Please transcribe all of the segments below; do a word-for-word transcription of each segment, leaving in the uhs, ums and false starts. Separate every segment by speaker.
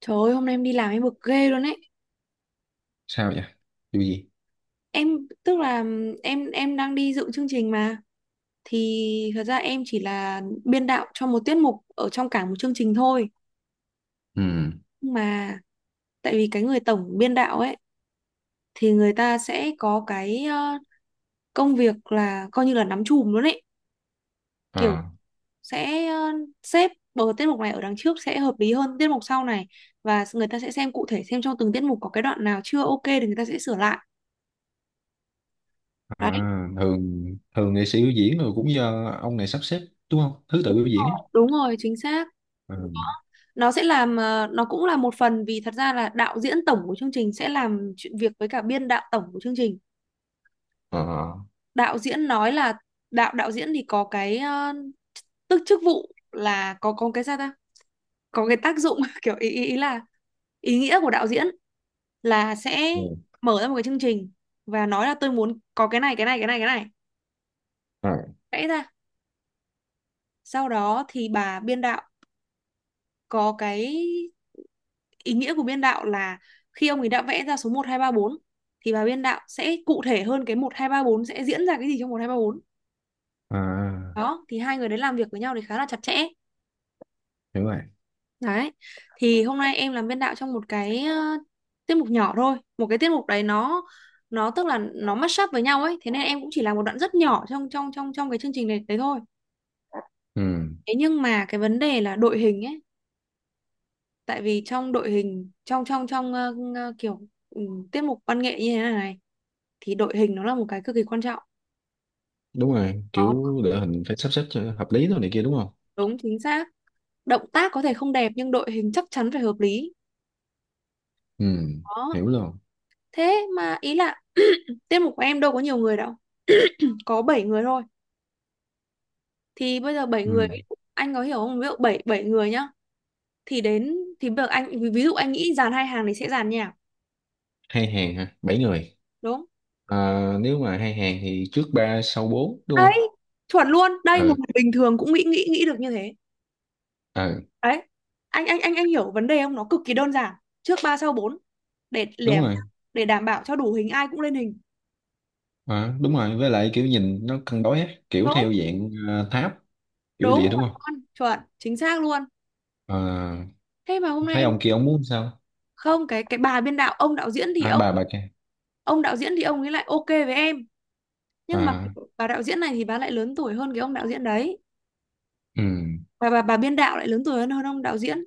Speaker 1: Trời ơi, hôm nay em đi làm em bực ghê luôn ấy.
Speaker 2: Sao vậy? Điều gì?
Speaker 1: Em tức là em em đang đi dự chương trình mà, thì thật ra em chỉ là biên đạo cho một tiết mục ở trong cả một chương trình thôi.
Speaker 2: Ừ.
Speaker 1: Nhưng mà tại vì cái người tổng biên đạo ấy thì người ta sẽ có cái ờ, công việc là coi như là nắm chùm luôn ấy.
Speaker 2: Ờ.
Speaker 1: Kiểu sẽ ờ, xếp bờ tiết mục này ở đằng trước sẽ hợp lý hơn tiết mục sau này, và người ta sẽ xem cụ thể xem trong từng tiết mục có cái đoạn nào chưa ok thì người ta sẽ sửa lại. Đấy.
Speaker 2: À, thường thường nghệ sĩ biểu diễn rồi cũng do ông này sắp xếp đúng không? Thứ tự biểu diễn ấy.
Speaker 1: Đúng rồi, chính xác,
Speaker 2: Ừ.
Speaker 1: nó sẽ làm ờ, nó cũng là một phần vì thật ra là đạo diễn tổng của chương trình sẽ làm chuyện việc với cả biên đạo tổng của chương trình.
Speaker 2: Ờ.
Speaker 1: Đạo diễn nói là đạo đạo diễn thì có cái ờ, tức chức vụ là có có cái sao ta, có cái tác dụng kiểu ý, ý ý là ý nghĩa của đạo diễn là sẽ
Speaker 2: Ừ.
Speaker 1: mở ra một cái chương trình và nói là tôi muốn có cái này cái này cái này cái này,
Speaker 2: À,
Speaker 1: vẽ ra. Sau đó thì bà biên đạo có cái ý nghĩa của biên đạo là khi ông ấy đã vẽ ra số một hai ba bốn thì bà biên đạo sẽ cụ thể hơn cái một hai ba bốn sẽ diễn ra cái gì trong một hai ba bốn.
Speaker 2: à,
Speaker 1: Đó, thì hai người đấy làm việc với nhau thì khá là chặt chẽ.
Speaker 2: hiểu rồi.
Speaker 1: Đấy. Thì hôm nay em làm biên đạo trong một cái ờ, tiết mục nhỏ thôi. Một cái tiết mục đấy nó nó tức là nó mashup up với nhau ấy, thế nên em cũng chỉ làm một đoạn rất nhỏ trong trong trong trong cái chương trình này đấy thôi.
Speaker 2: Ừ.
Speaker 1: Thế nhưng mà cái vấn đề là đội hình ấy, tại vì trong đội hình trong trong trong ờ, ờ, kiểu ừ, tiết mục văn nghệ như thế này này thì đội hình nó là một cái cực kỳ quan trọng.
Speaker 2: Đúng rồi,
Speaker 1: Đó,
Speaker 2: kiểu đội hình phải sắp xếp cho hợp lý thôi này kia đúng không?
Speaker 1: đúng chính xác. Động tác có thể không đẹp nhưng đội hình chắc chắn phải hợp lý.
Speaker 2: Ừ.
Speaker 1: Đó,
Speaker 2: Hiểu luôn.
Speaker 1: thế mà ý là tiết mục của em đâu có nhiều người đâu. Có bảy người thôi. Thì bây giờ bảy người
Speaker 2: Ừ.
Speaker 1: anh có hiểu không? Ví dụ bảy bảy người nhá. Thì đến thì bây giờ anh ví ví dụ anh nghĩ dàn hai hàng thì sẽ dàn nhạc,
Speaker 2: Hai hàng hả? Bảy người.
Speaker 1: đúng?
Speaker 2: À, nếu mà hai hàng thì trước ba sau bốn đúng không?
Speaker 1: Đấy, chuẩn luôn. Đây một
Speaker 2: Ừ.
Speaker 1: người bình thường cũng nghĩ nghĩ nghĩ được như thế.
Speaker 2: Ừ.
Speaker 1: Đấy. Anh anh anh anh hiểu vấn đề không? Nó cực kỳ đơn giản. Trước ba sau bốn, để để
Speaker 2: Đúng rồi.
Speaker 1: để đảm bảo cho đủ hình ai cũng lên hình.
Speaker 2: À, đúng rồi, với lại kiểu nhìn nó cân đối á kiểu theo
Speaker 1: Đúng.
Speaker 2: dạng ờ, tháp kiểu
Speaker 1: Đúng
Speaker 2: địa
Speaker 1: rồi
Speaker 2: đúng không?
Speaker 1: con, chuẩn, chính xác luôn.
Speaker 2: À,
Speaker 1: Thế mà hôm nay
Speaker 2: thấy
Speaker 1: em
Speaker 2: ông kia ông muốn sao?
Speaker 1: không, cái cái bà biên đạo, ông đạo diễn thì
Speaker 2: À,
Speaker 1: ông
Speaker 2: bà bà kia.
Speaker 1: ông đạo diễn thì ông ấy lại ok với em, nhưng mà
Speaker 2: À.
Speaker 1: bà đạo diễn này thì bà lại lớn tuổi hơn cái ông đạo diễn đấy.
Speaker 2: Ừ.
Speaker 1: Và bà bà biên đạo lại lớn tuổi hơn hơn ông đạo diễn.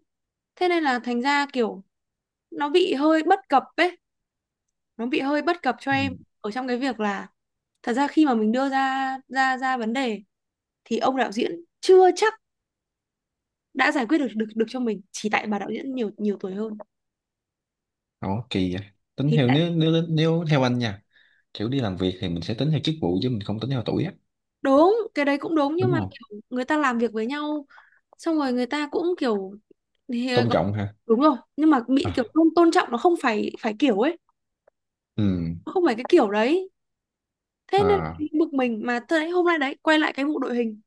Speaker 1: Thế nên là thành ra kiểu nó bị hơi bất cập ấy, nó bị hơi bất cập cho
Speaker 2: Ừ.
Speaker 1: em ở trong cái việc là thật ra khi mà mình đưa ra ra ra vấn đề thì ông đạo diễn chưa chắc đã giải quyết được được được cho mình chỉ tại bà đạo diễn nhiều nhiều tuổi hơn.
Speaker 2: Đó kỳ vậy. Tính
Speaker 1: Thì
Speaker 2: theo, nếu nếu nếu theo anh nha, kiểu đi làm việc thì mình sẽ tính theo chức vụ chứ mình không tính theo tuổi á,
Speaker 1: đúng cái đấy cũng đúng nhưng
Speaker 2: đúng
Speaker 1: mà
Speaker 2: không?
Speaker 1: kiểu người ta làm việc với nhau xong rồi người ta cũng kiểu thì ờ,
Speaker 2: Tôn
Speaker 1: gọi-
Speaker 2: trọng ha.
Speaker 1: đúng rồi nhưng mà bị kiểu
Speaker 2: À.
Speaker 1: không tôn trọng, nó không phải phải kiểu ấy,
Speaker 2: Ừ.
Speaker 1: nó không phải cái kiểu đấy. Thế nên
Speaker 2: À,
Speaker 1: bực mình mà, thế đấy hôm nay đấy quay lại cái vụ đội hình.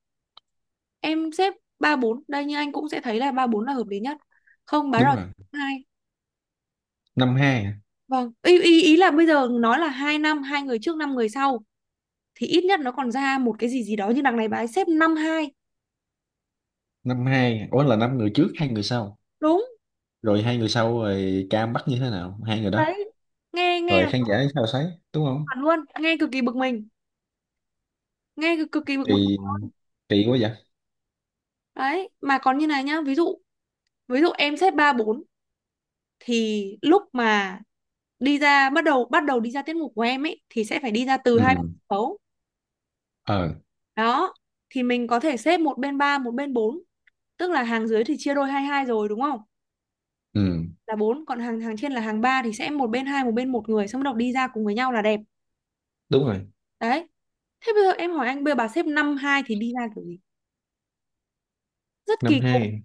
Speaker 1: Em xếp ba bốn, đây như anh cũng sẽ thấy là ba bốn là hợp lý nhất, không bán
Speaker 2: đúng
Speaker 1: rồi
Speaker 2: rồi.
Speaker 1: hai.
Speaker 2: Năm hai, hả?
Speaker 1: Vâng ý, ý ý là bây giờ nói là hai năm hai người trước năm người sau thì ít nhất nó còn ra một cái gì gì đó, như đằng này bà ấy xếp năm hai.
Speaker 2: Năm hai. Ủa là năm người trước hai người sau.
Speaker 1: Đúng
Speaker 2: Rồi hai người sau rồi cam bắt như thế nào? Hai người đó.
Speaker 1: đấy, nghe nghe
Speaker 2: Rồi
Speaker 1: là
Speaker 2: khán giả sao thấy, đúng không?
Speaker 1: chuẩn luôn, nghe cực kỳ bực mình, nghe cực, cực kỳ bực bực.
Speaker 2: Kỳ kỳ quá vậy.
Speaker 1: Đấy mà còn như này nhá, ví dụ ví dụ em xếp ba bốn thì lúc mà đi ra bắt đầu bắt đầu đi ra tiết mục của em ấy thì sẽ phải đi ra từ hai bên
Speaker 2: Ừ.
Speaker 1: sân khấu.
Speaker 2: Ờ.
Speaker 1: Đó, thì mình có thể xếp một bên ba một bên bốn, tức là hàng dưới thì chia đôi hai hai rồi đúng không,
Speaker 2: Ừ.
Speaker 1: là bốn, còn hàng hàng trên là hàng ba thì sẽ một bên hai một bên một người, xong bắt đầu đi ra cùng với nhau là đẹp.
Speaker 2: Đúng rồi.
Speaker 1: Đấy, thế bây giờ em hỏi anh, bây giờ bà xếp năm hai thì đi ra kiểu gì, rất
Speaker 2: Năm
Speaker 1: kỳ cục.
Speaker 2: hai,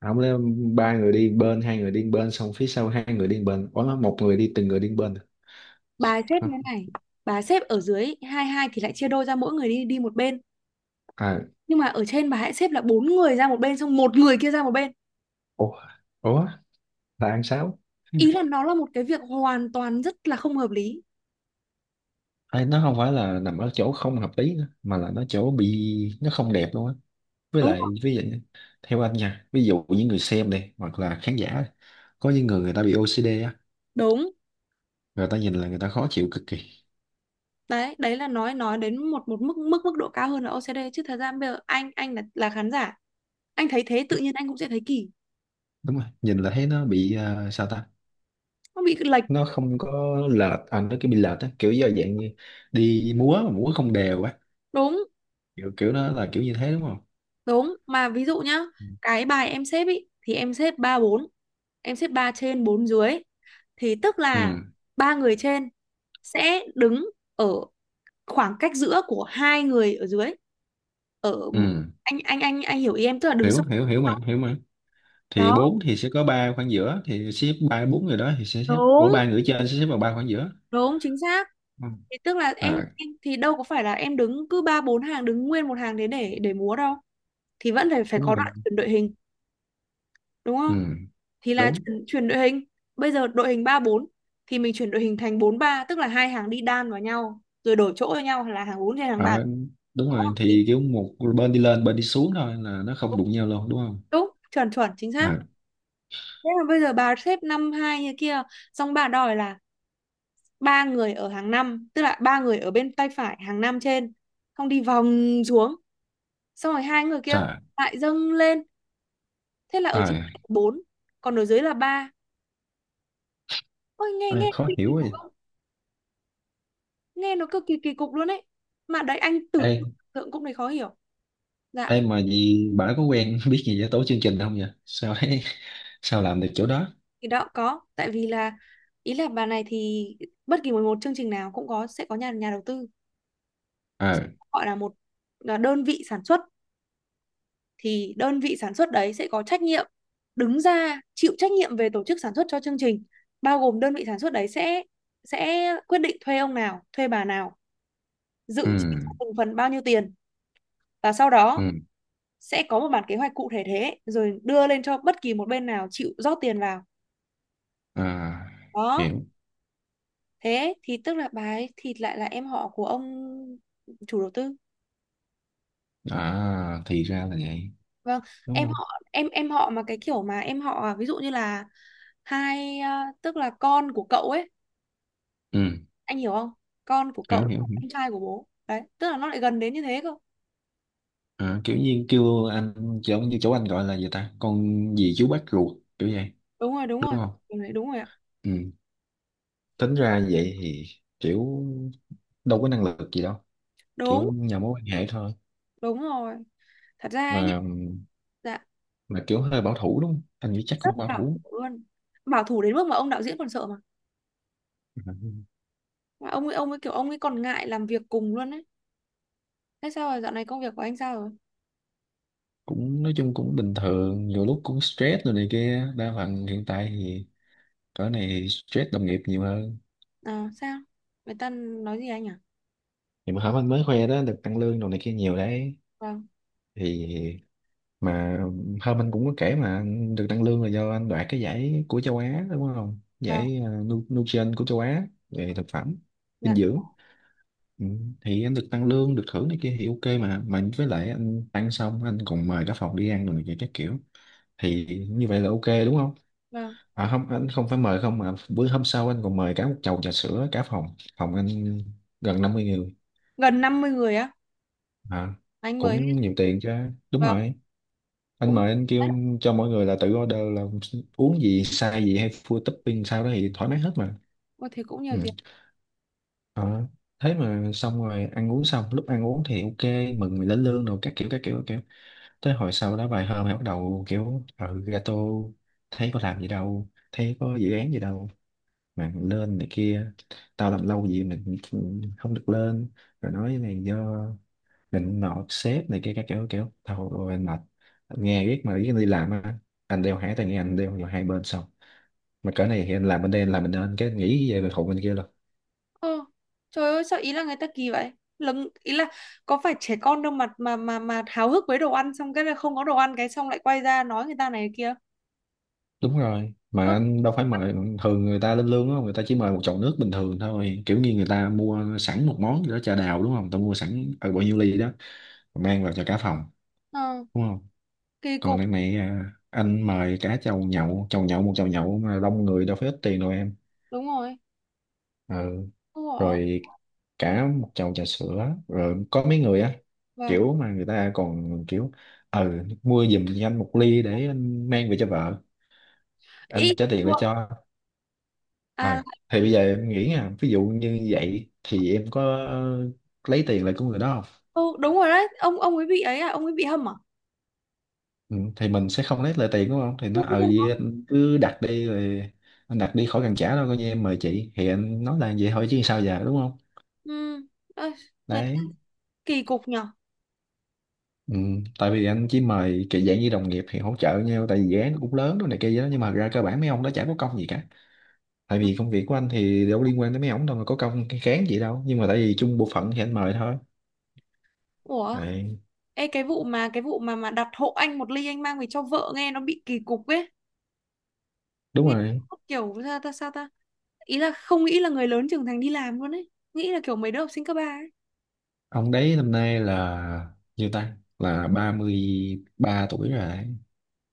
Speaker 2: ông lấy ba người đi bên, hai người đi bên, xong phía sau hai người đi bên, ủa một người đi, từng người đi bên
Speaker 1: Bà xếp
Speaker 2: hả?
Speaker 1: như thế này, bà xếp ở dưới hai hai thì lại chia đôi ra mỗi người đi đi một bên,
Speaker 2: À,
Speaker 1: nhưng mà ở trên bà hãy xếp là bốn người ra một bên xong một người kia ra một bên.
Speaker 2: ủa, ủa là ăn sáu. Ừ.
Speaker 1: Ý là nó là một cái việc hoàn toàn rất là không hợp lý,
Speaker 2: Ê, nó không phải là nằm ở chỗ không hợp lý nữa, mà là nó chỗ bị nó không đẹp luôn á, với
Speaker 1: đúng không?
Speaker 2: lại ví dụ theo anh nha, ví dụ những người xem đây hoặc là khán giả có những người người ta bị ô xi đi á,
Speaker 1: Đúng
Speaker 2: người ta nhìn là người ta khó chịu cực kỳ.
Speaker 1: đấy, đấy là nói nói đến một một mức mức mức độ cao hơn là ô xê đê, chứ thật ra bây giờ anh anh là là khán giả anh thấy thế tự nhiên anh cũng sẽ thấy kỳ,
Speaker 2: Đúng rồi, nhìn là thấy nó bị à, sao ta,
Speaker 1: nó bị lệch.
Speaker 2: nó không có lệch à, nó cứ bị lệch á, kiểu do dạng như đi múa mà múa không đều á,
Speaker 1: Đúng
Speaker 2: kiểu kiểu đó là kiểu như thế đúng không?
Speaker 1: đúng mà ví dụ nhá,
Speaker 2: Ừ.
Speaker 1: cái bài em xếp ý thì em xếp ba bốn, em xếp ba trên bốn dưới, thì tức
Speaker 2: Ừ.
Speaker 1: là ba người trên sẽ đứng ở khoảng cách giữa của hai người ở dưới, ở
Speaker 2: Ừ.
Speaker 1: anh anh anh anh hiểu ý em tức là đứng
Speaker 2: Hiểu
Speaker 1: song.
Speaker 2: hiểu hiểu mà, hiểu mà. Thì
Speaker 1: Đó,
Speaker 2: bốn thì sẽ có ba khoảng giữa thì xếp ba bốn người đó thì sẽ xếp, ủa
Speaker 1: đúng
Speaker 2: ba người trên sẽ xếp vào ba khoảng giữa.
Speaker 1: đúng chính xác.
Speaker 2: Ừ.
Speaker 1: Thì tức là em,
Speaker 2: À,
Speaker 1: em thì đâu có phải là em đứng cứ ba bốn hàng đứng nguyên một hàng thế để để múa đâu, thì vẫn phải phải
Speaker 2: đúng
Speaker 1: có
Speaker 2: rồi.
Speaker 1: đoạn chuyển đội hình, đúng không,
Speaker 2: Ừ.
Speaker 1: thì là
Speaker 2: Đúng.
Speaker 1: chuyển, chuyển đội hình. Bây giờ đội hình ba bốn thì mình chuyển đội hình thành bốn ba tức là hai hàng đi đan vào nhau rồi đổi chỗ cho nhau là hàng bốn trên hàng ba,
Speaker 2: À, đúng
Speaker 1: có
Speaker 2: rồi,
Speaker 1: hợp lý.
Speaker 2: thì kiểu một bên đi lên, bên đi xuống thôi là nó không đụng nhau luôn đúng không?
Speaker 1: Đúng chuẩn chuẩn chính
Speaker 2: À,
Speaker 1: xác. Thế là bây giờ bà xếp năm hai như kia, xong bà đòi là ba người ở hàng năm, tức là ba người ở bên tay phải hàng năm trên, xong đi vòng xuống, xong rồi hai người kia
Speaker 2: trời
Speaker 1: lại dâng lên, thế là ở trên
Speaker 2: ơi,
Speaker 1: là bốn, còn ở dưới là ba. Ôi nghe
Speaker 2: ai
Speaker 1: nghe
Speaker 2: khó
Speaker 1: kỳ kỳ
Speaker 2: hiểu
Speaker 1: cục
Speaker 2: vậy.
Speaker 1: không? Nghe nó cực kỳ kỳ cục luôn ấy. Mà đấy anh tự
Speaker 2: Ê,
Speaker 1: tưởng cũng thấy khó hiểu. Dạ,
Speaker 2: ê mà gì bà có quen biết gì về tổ chương trình không vậy sao ấy sao làm được chỗ đó.
Speaker 1: thì đó có, tại vì là ý là bà này thì bất kỳ một một chương trình nào cũng có sẽ có nhà nhà đầu tư,
Speaker 2: À.
Speaker 1: gọi là một là đơn vị sản xuất, thì đơn vị sản xuất đấy sẽ có trách nhiệm đứng ra chịu trách nhiệm về tổ chức sản xuất cho chương trình, bao gồm đơn vị sản xuất đấy sẽ sẽ quyết định thuê ông nào thuê bà nào,
Speaker 2: Ừ.
Speaker 1: dự chi cho từng phần bao nhiêu tiền, và sau đó
Speaker 2: Ừ.
Speaker 1: sẽ có một bản kế hoạch cụ thể thế rồi đưa lên cho bất kỳ một bên nào chịu rót tiền vào.
Speaker 2: À,
Speaker 1: Đó,
Speaker 2: hiểu.
Speaker 1: thế thì tức là bà ấy thì lại là em họ của ông chủ đầu tư.
Speaker 2: À, thì ra là vậy
Speaker 1: Vâng,
Speaker 2: đúng
Speaker 1: em
Speaker 2: không?
Speaker 1: họ em em họ mà cái kiểu mà em họ à, ví dụ như là hai à, tức là con của cậu ấy,
Speaker 2: Ừ.
Speaker 1: anh hiểu không, con của
Speaker 2: Hiểu
Speaker 1: cậu
Speaker 2: hiểu hiểu.
Speaker 1: anh trai của bố đấy tức là nó lại gần đến như thế cơ.
Speaker 2: À, kiểu như kêu anh chỗ như chỗ anh gọi là gì ta, con gì chú bác ruột kiểu vậy
Speaker 1: Đúng rồi đúng
Speaker 2: đúng
Speaker 1: rồi,
Speaker 2: không?
Speaker 1: đúng rồi đúng rồi ạ.
Speaker 2: Ừ. Tính ra vậy thì, kiểu đâu có năng lực gì đâu, kiểu
Speaker 1: Đúng.
Speaker 2: nhờ mối quan hệ thôi.
Speaker 1: Đúng rồi, thật ra ấy nhỉ,
Speaker 2: mà
Speaker 1: dạ
Speaker 2: mà kiểu hơi bảo thủ đúng không, anh nghĩ chắc
Speaker 1: rất
Speaker 2: cũng bảo
Speaker 1: bảo thủ
Speaker 2: thủ.
Speaker 1: luôn, bảo thủ đến mức mà ông đạo diễn còn sợ mà mà ông ấy ông ấy kiểu ông ấy còn ngại làm việc cùng luôn đấy. Thế sao rồi, dạo này công việc của anh sao rồi?
Speaker 2: Ừ. Cũng nói chung cũng bình thường, nhiều lúc cũng stress rồi này kia, đa phần hiện tại thì cỡ này stress đồng nghiệp nhiều hơn.
Speaker 1: À sao, người ta nói gì anh à?
Speaker 2: Thì mà hả anh mới khoe đó, được tăng lương đồ này kia nhiều đấy.
Speaker 1: Vâng.
Speaker 2: Thì mà hôm anh cũng có kể mà anh được tăng lương là do anh đoạt cái giải của châu Á đúng không,
Speaker 1: Vâng.
Speaker 2: giải ờ, Nu- Nutrition của châu Á về thực phẩm
Speaker 1: Dạ.
Speaker 2: dinh dưỡng. Ừ. Thì anh được tăng lương được thưởng này kia thì ok, mà mà với lại anh ăn xong anh còn mời cả phòng đi ăn rồi này kia các kiểu, thì như vậy là ok đúng không?
Speaker 1: Vâng,
Speaker 2: À không, anh không phải mời không, mà bữa hôm sau anh còn mời cả một chầu trà sữa cả phòng. Phòng anh gần năm mươi người.
Speaker 1: gần năm mươi người á?
Speaker 2: À,
Speaker 1: Anh mới...
Speaker 2: cũng nhiều tiền chứ. Đúng
Speaker 1: Vâng.
Speaker 2: rồi, anh
Speaker 1: Cũng...
Speaker 2: mời, anh kêu cho mọi người là tự order, là uống gì sai gì hay full topping sao đó thì thoải mái hết mà.
Speaker 1: Ôi, thế cũng nhiều
Speaker 2: Ừ.
Speaker 1: tiền.
Speaker 2: Ờ, thế mà xong rồi ăn uống, xong lúc ăn uống thì ok, mừng mình lên lương rồi các kiểu các kiểu các kiểu, tới hồi sau đó vài hôm thì bắt đầu kiểu ừ, gato, thấy có làm gì đâu thấy có dự án gì đâu mà lên này kia, tao làm lâu gì mình không được lên, rồi nói này do mình nọ sếp này kia các kiểu kiểu, thôi ôi, anh mệt. Anh nghe biết mà, biết anh đi làm á, anh đeo hai tai nghe anh đeo vào hai bên, xong mà cỡ này thì anh làm bên đây anh làm bên đây, anh cái nghĩ về thuộc bên kia rồi.
Speaker 1: Ờ, trời ơi, sao ý là người ta kỳ vậy? Lấm ý là có phải trẻ con đâu mà mà mà mà háo hức với đồ ăn xong cái là không có đồ ăn cái xong lại quay ra nói người ta này kia.
Speaker 2: Đúng rồi mà
Speaker 1: Ơ.
Speaker 2: anh đâu phải mời, thường người ta lên lương á người ta chỉ mời một chậu nước bình thường thôi, kiểu như người ta mua sẵn một món gì đó trà đào đúng không, người ta mua sẵn ở bao nhiêu ly đó mang vào cho cả phòng
Speaker 1: Ờ,
Speaker 2: đúng không?
Speaker 1: kỳ
Speaker 2: Còn
Speaker 1: cục.
Speaker 2: đằng này à, anh mời cả chầu nhậu, chầu nhậu một chầu nhậu mà đông người đâu phải ít tiền đâu em.
Speaker 1: Đúng rồi.
Speaker 2: Ờ,
Speaker 1: Ủa,
Speaker 2: rồi cả một chầu trà sữa rồi có mấy người á,
Speaker 1: vâng.
Speaker 2: kiểu mà người ta còn kiểu ừ, mua giùm cho anh một ly để anh mang về cho vợ,
Speaker 1: Ý
Speaker 2: anh trả tiền lại cho.
Speaker 1: à.
Speaker 2: À thì bây giờ em nghĩ nha, ví dụ như vậy thì em có lấy tiền lại của người đó không?
Speaker 1: Ừ, đúng rồi đấy, ông ông ấy bị ấy à, ông ấy bị hâm à?
Speaker 2: Ừ, thì mình sẽ không lấy lại tiền đúng không, thì nó
Speaker 1: Đương
Speaker 2: ờ
Speaker 1: nhiên.
Speaker 2: gì, anh cứ đặt đi rồi, anh đặt đi khỏi cần trả đâu, coi như em mời chị, thì anh nói là vậy thôi chứ sao giờ đúng không?
Speaker 1: Ừ. Ơi, người ta
Speaker 2: Đấy.
Speaker 1: kỳ cục nhở.
Speaker 2: Ừ, tại vì anh chỉ mời kiểu dạng như đồng nghiệp thì hỗ trợ nhau, tại vì dự án nó cũng lớn đó này kia gì đó, nhưng mà thật ra cơ bản mấy ông đó chả có công gì cả, tại
Speaker 1: Ừ.
Speaker 2: vì công việc của anh thì đâu liên quan tới mấy ông đâu mà có công cái cán gì đâu, nhưng mà tại vì chung bộ phận thì anh mời thôi.
Speaker 1: Ủa,
Speaker 2: Đấy,
Speaker 1: ê cái vụ mà cái vụ mà mà đặt hộ anh một ly anh mang về cho vợ nghe nó bị kỳ cục ấy.
Speaker 2: đúng
Speaker 1: Nghe
Speaker 2: rồi,
Speaker 1: kiểu sao ta sao ta ý là không nghĩ là người lớn trưởng thành đi làm luôn ấy, nghĩ là kiểu mấy đứa học sinh cấp ba ấy.
Speaker 2: ông đấy năm nay là nhiêu ta, là ba mươi ba tuổi rồi đấy.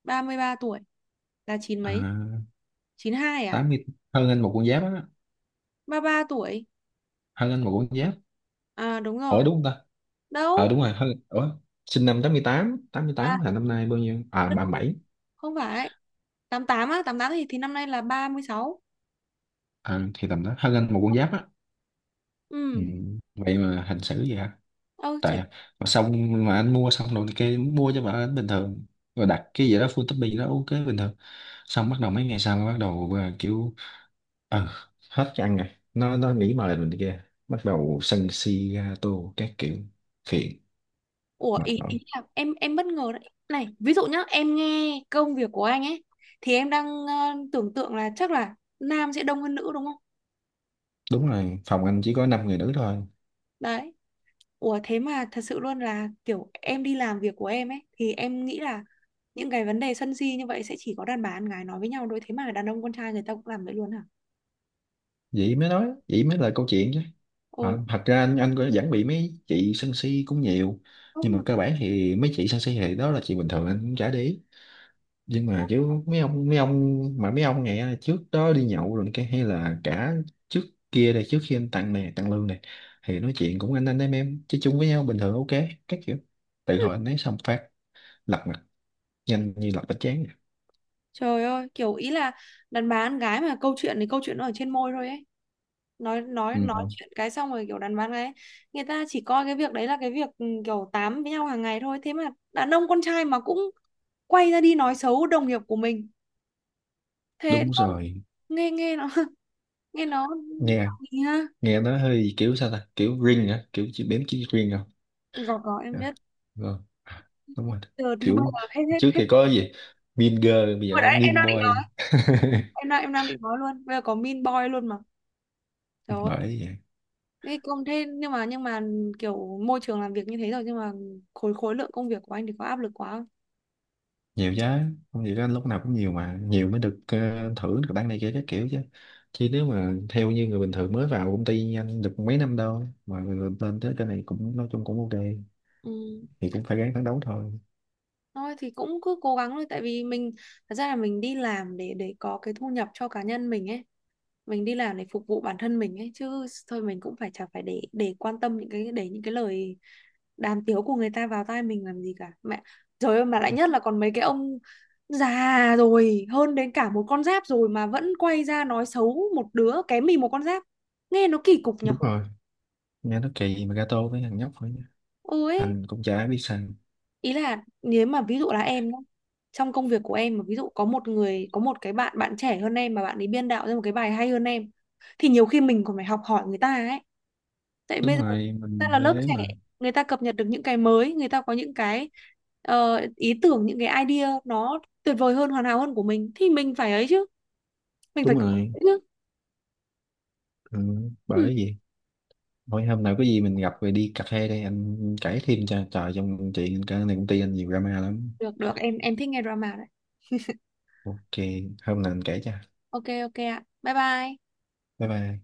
Speaker 1: Ba mươi ba tuổi là chín
Speaker 2: À,
Speaker 1: mấy, chín hai à?
Speaker 2: tám mươi, hơn anh một con giáp á,
Speaker 1: Ba ba tuổi
Speaker 2: hơn anh một con giáp.
Speaker 1: à? Đúng rồi.
Speaker 2: Ủa đúng không ta, ờ
Speaker 1: Đâu.
Speaker 2: đúng rồi hơn, ủa sinh năm tám mươi, tám tám mươi mươi
Speaker 1: À
Speaker 2: tám là năm nay bao nhiêu à
Speaker 1: đâu,
Speaker 2: ba mươi bảy.
Speaker 1: không phải, tám tám á, tám tám thì thì năm nay là ba mươi sáu.
Speaker 2: À, thì tầm đó hơn anh một con giáp á. Ừ.
Speaker 1: Ừ.
Speaker 2: Vậy mà hành xử vậy hả?
Speaker 1: Ơ trẻ.
Speaker 2: Tại mà xong, mà anh mua xong rồi kia, mua cho bà anh bình thường, rồi đặt cái gì đó full topping đó ok bình thường, xong bắt đầu mấy ngày sau bắt đầu à, kiểu ờ hết cái ăn rồi, nó nó nghĩ mà là mình kia, bắt đầu sân si ga tô các kiểu, phiền,
Speaker 1: Ủa,
Speaker 2: mệt
Speaker 1: ý
Speaker 2: mỏi.
Speaker 1: ý là em em bất ngờ đấy. Này ví dụ nhá, em nghe công việc của anh ấy thì em đang ờ, tưởng tượng là chắc là nam sẽ đông hơn nữ, đúng không?
Speaker 2: Đúng rồi, phòng anh chỉ có năm người nữ thôi,
Speaker 1: Đấy. Ủa, thế mà thật sự luôn. Là kiểu em đi làm việc của em ấy thì em nghĩ là những cái vấn đề sân si như vậy sẽ chỉ có đàn bà con gái nói với nhau thôi, thế mà đàn ông con trai người ta cũng làm vậy luôn hả?
Speaker 2: vậy mới nói, vậy mới là câu chuyện chứ. Ờ,
Speaker 1: Ồ.
Speaker 2: thật ra anh anh cũng vẫn bị mấy chị sân si cũng nhiều, nhưng mà
Speaker 1: Đúng.
Speaker 2: cơ bản thì mấy chị sân si thì đó là chuyện bình thường anh cũng chả để ý, nhưng mà kiểu mấy ông mấy ông mà mấy ông này trước đó đi nhậu rồi cái hay là cả trước kia đây, trước khi anh tặng này tặng lương này thì nói chuyện cũng anh anh em em chơi chung với nhau bình thường ok các kiểu, tự hồi anh ấy xong phát lật mặt nhanh như lật bánh tráng à.
Speaker 1: Trời ơi, kiểu ý là đàn bà con gái mà câu chuyện thì câu chuyện nó ở trên môi thôi ấy. Nói nói nói
Speaker 2: Ừ,
Speaker 1: chuyện cái xong rồi kiểu đàn bà con gái người ta chỉ coi cái việc đấy là cái việc, ừ, kiểu tám với nhau hàng ngày thôi. Thế mà đàn ông con trai mà cũng quay ra đi nói xấu đồng nghiệp của mình. Thế
Speaker 2: đúng
Speaker 1: nó-
Speaker 2: rồi.
Speaker 1: nghe nghe nó nghe nó,
Speaker 2: nghe
Speaker 1: ha?
Speaker 2: nghe nó hơi kiểu sao ta, kiểu riêng hả, kiểu chỉ bếm chỉ riêng không.
Speaker 1: Có có em
Speaker 2: À,
Speaker 1: biết.
Speaker 2: rồi. À, đúng rồi,
Speaker 1: Từ từ bây
Speaker 2: kiểu
Speaker 1: giờ hết hết
Speaker 2: trước
Speaker 1: hết.
Speaker 2: thì có gì mean girl bây giờ
Speaker 1: Hồi
Speaker 2: có
Speaker 1: đấy em
Speaker 2: mean
Speaker 1: đang định
Speaker 2: boy.
Speaker 1: nói, em đang em đang định nói luôn, bây giờ có Mean Boy luôn mà. Trời ơi.
Speaker 2: Bởi vậy.
Speaker 1: Thế công thế nhưng mà, nhưng mà kiểu môi trường làm việc như thế rồi, nhưng mà khối khối lượng công việc của anh thì có áp lực quá không?
Speaker 2: Nhiều chứ, không nhiều đó lúc nào cũng nhiều mà, nhiều mới được ờ, thưởng được tăng này kia các kiểu chứ, chứ nếu mà theo như người bình thường mới vào công ty nhanh được mấy năm đâu mà rồi lên tới cái này cũng nói chung cũng ok,
Speaker 1: Ừ.
Speaker 2: thì cũng phải ráng phấn đấu thôi.
Speaker 1: Thôi thì cũng cứ cố gắng thôi, tại vì mình, thật ra là mình đi làm để để có cái thu nhập cho cá nhân mình ấy, mình đi làm để phục vụ bản thân mình ấy chứ. Thôi mình cũng phải, chả phải để để quan tâm những cái, để những cái lời đàm tiếu của người ta vào tai mình làm gì cả, mẹ. Trời ơi, mà lại nhất là còn mấy cái ông già rồi, hơn đến cả một con giáp rồi mà vẫn quay ra nói xấu một đứa kém mình một con giáp, nghe nó kỳ cục nhở.
Speaker 2: Đúng rồi, nghe nó kỳ mà gato với thằng nhóc thôi nha.
Speaker 1: Ôi.
Speaker 2: Anh cũng chả biết sao.
Speaker 1: Ý là nếu mà ví dụ là em nhá, trong công việc của em mà ví dụ có một người, có một cái bạn bạn trẻ hơn em mà bạn ấy biên đạo ra một cái bài hay hơn em thì nhiều khi mình còn phải học hỏi người ta ấy. Tại bây
Speaker 2: Đúng
Speaker 1: giờ
Speaker 2: rồi,
Speaker 1: ta
Speaker 2: mình
Speaker 1: là lớp
Speaker 2: bé
Speaker 1: trẻ,
Speaker 2: mà.
Speaker 1: người ta cập nhật được những cái mới, người ta có những cái, ờ, ý tưởng, những cái idea nó tuyệt vời hơn, hoàn hảo hơn của mình, thì mình phải ấy chứ, mình phải
Speaker 2: Đúng
Speaker 1: có
Speaker 2: rồi.
Speaker 1: chứ.
Speaker 2: Ừ,
Speaker 1: Ừ.
Speaker 2: bởi gì mỗi hôm nào có gì mình gặp rồi đi cà phê đây anh kể thêm cho, trời, trong chuyện cái này công ty anh nhiều drama lắm.
Speaker 1: Được, được em em thích nghe drama đấy.
Speaker 2: Ok, hôm nào anh kể cho.
Speaker 1: Ok, ok ạ, bye bye.
Speaker 2: Bye bye.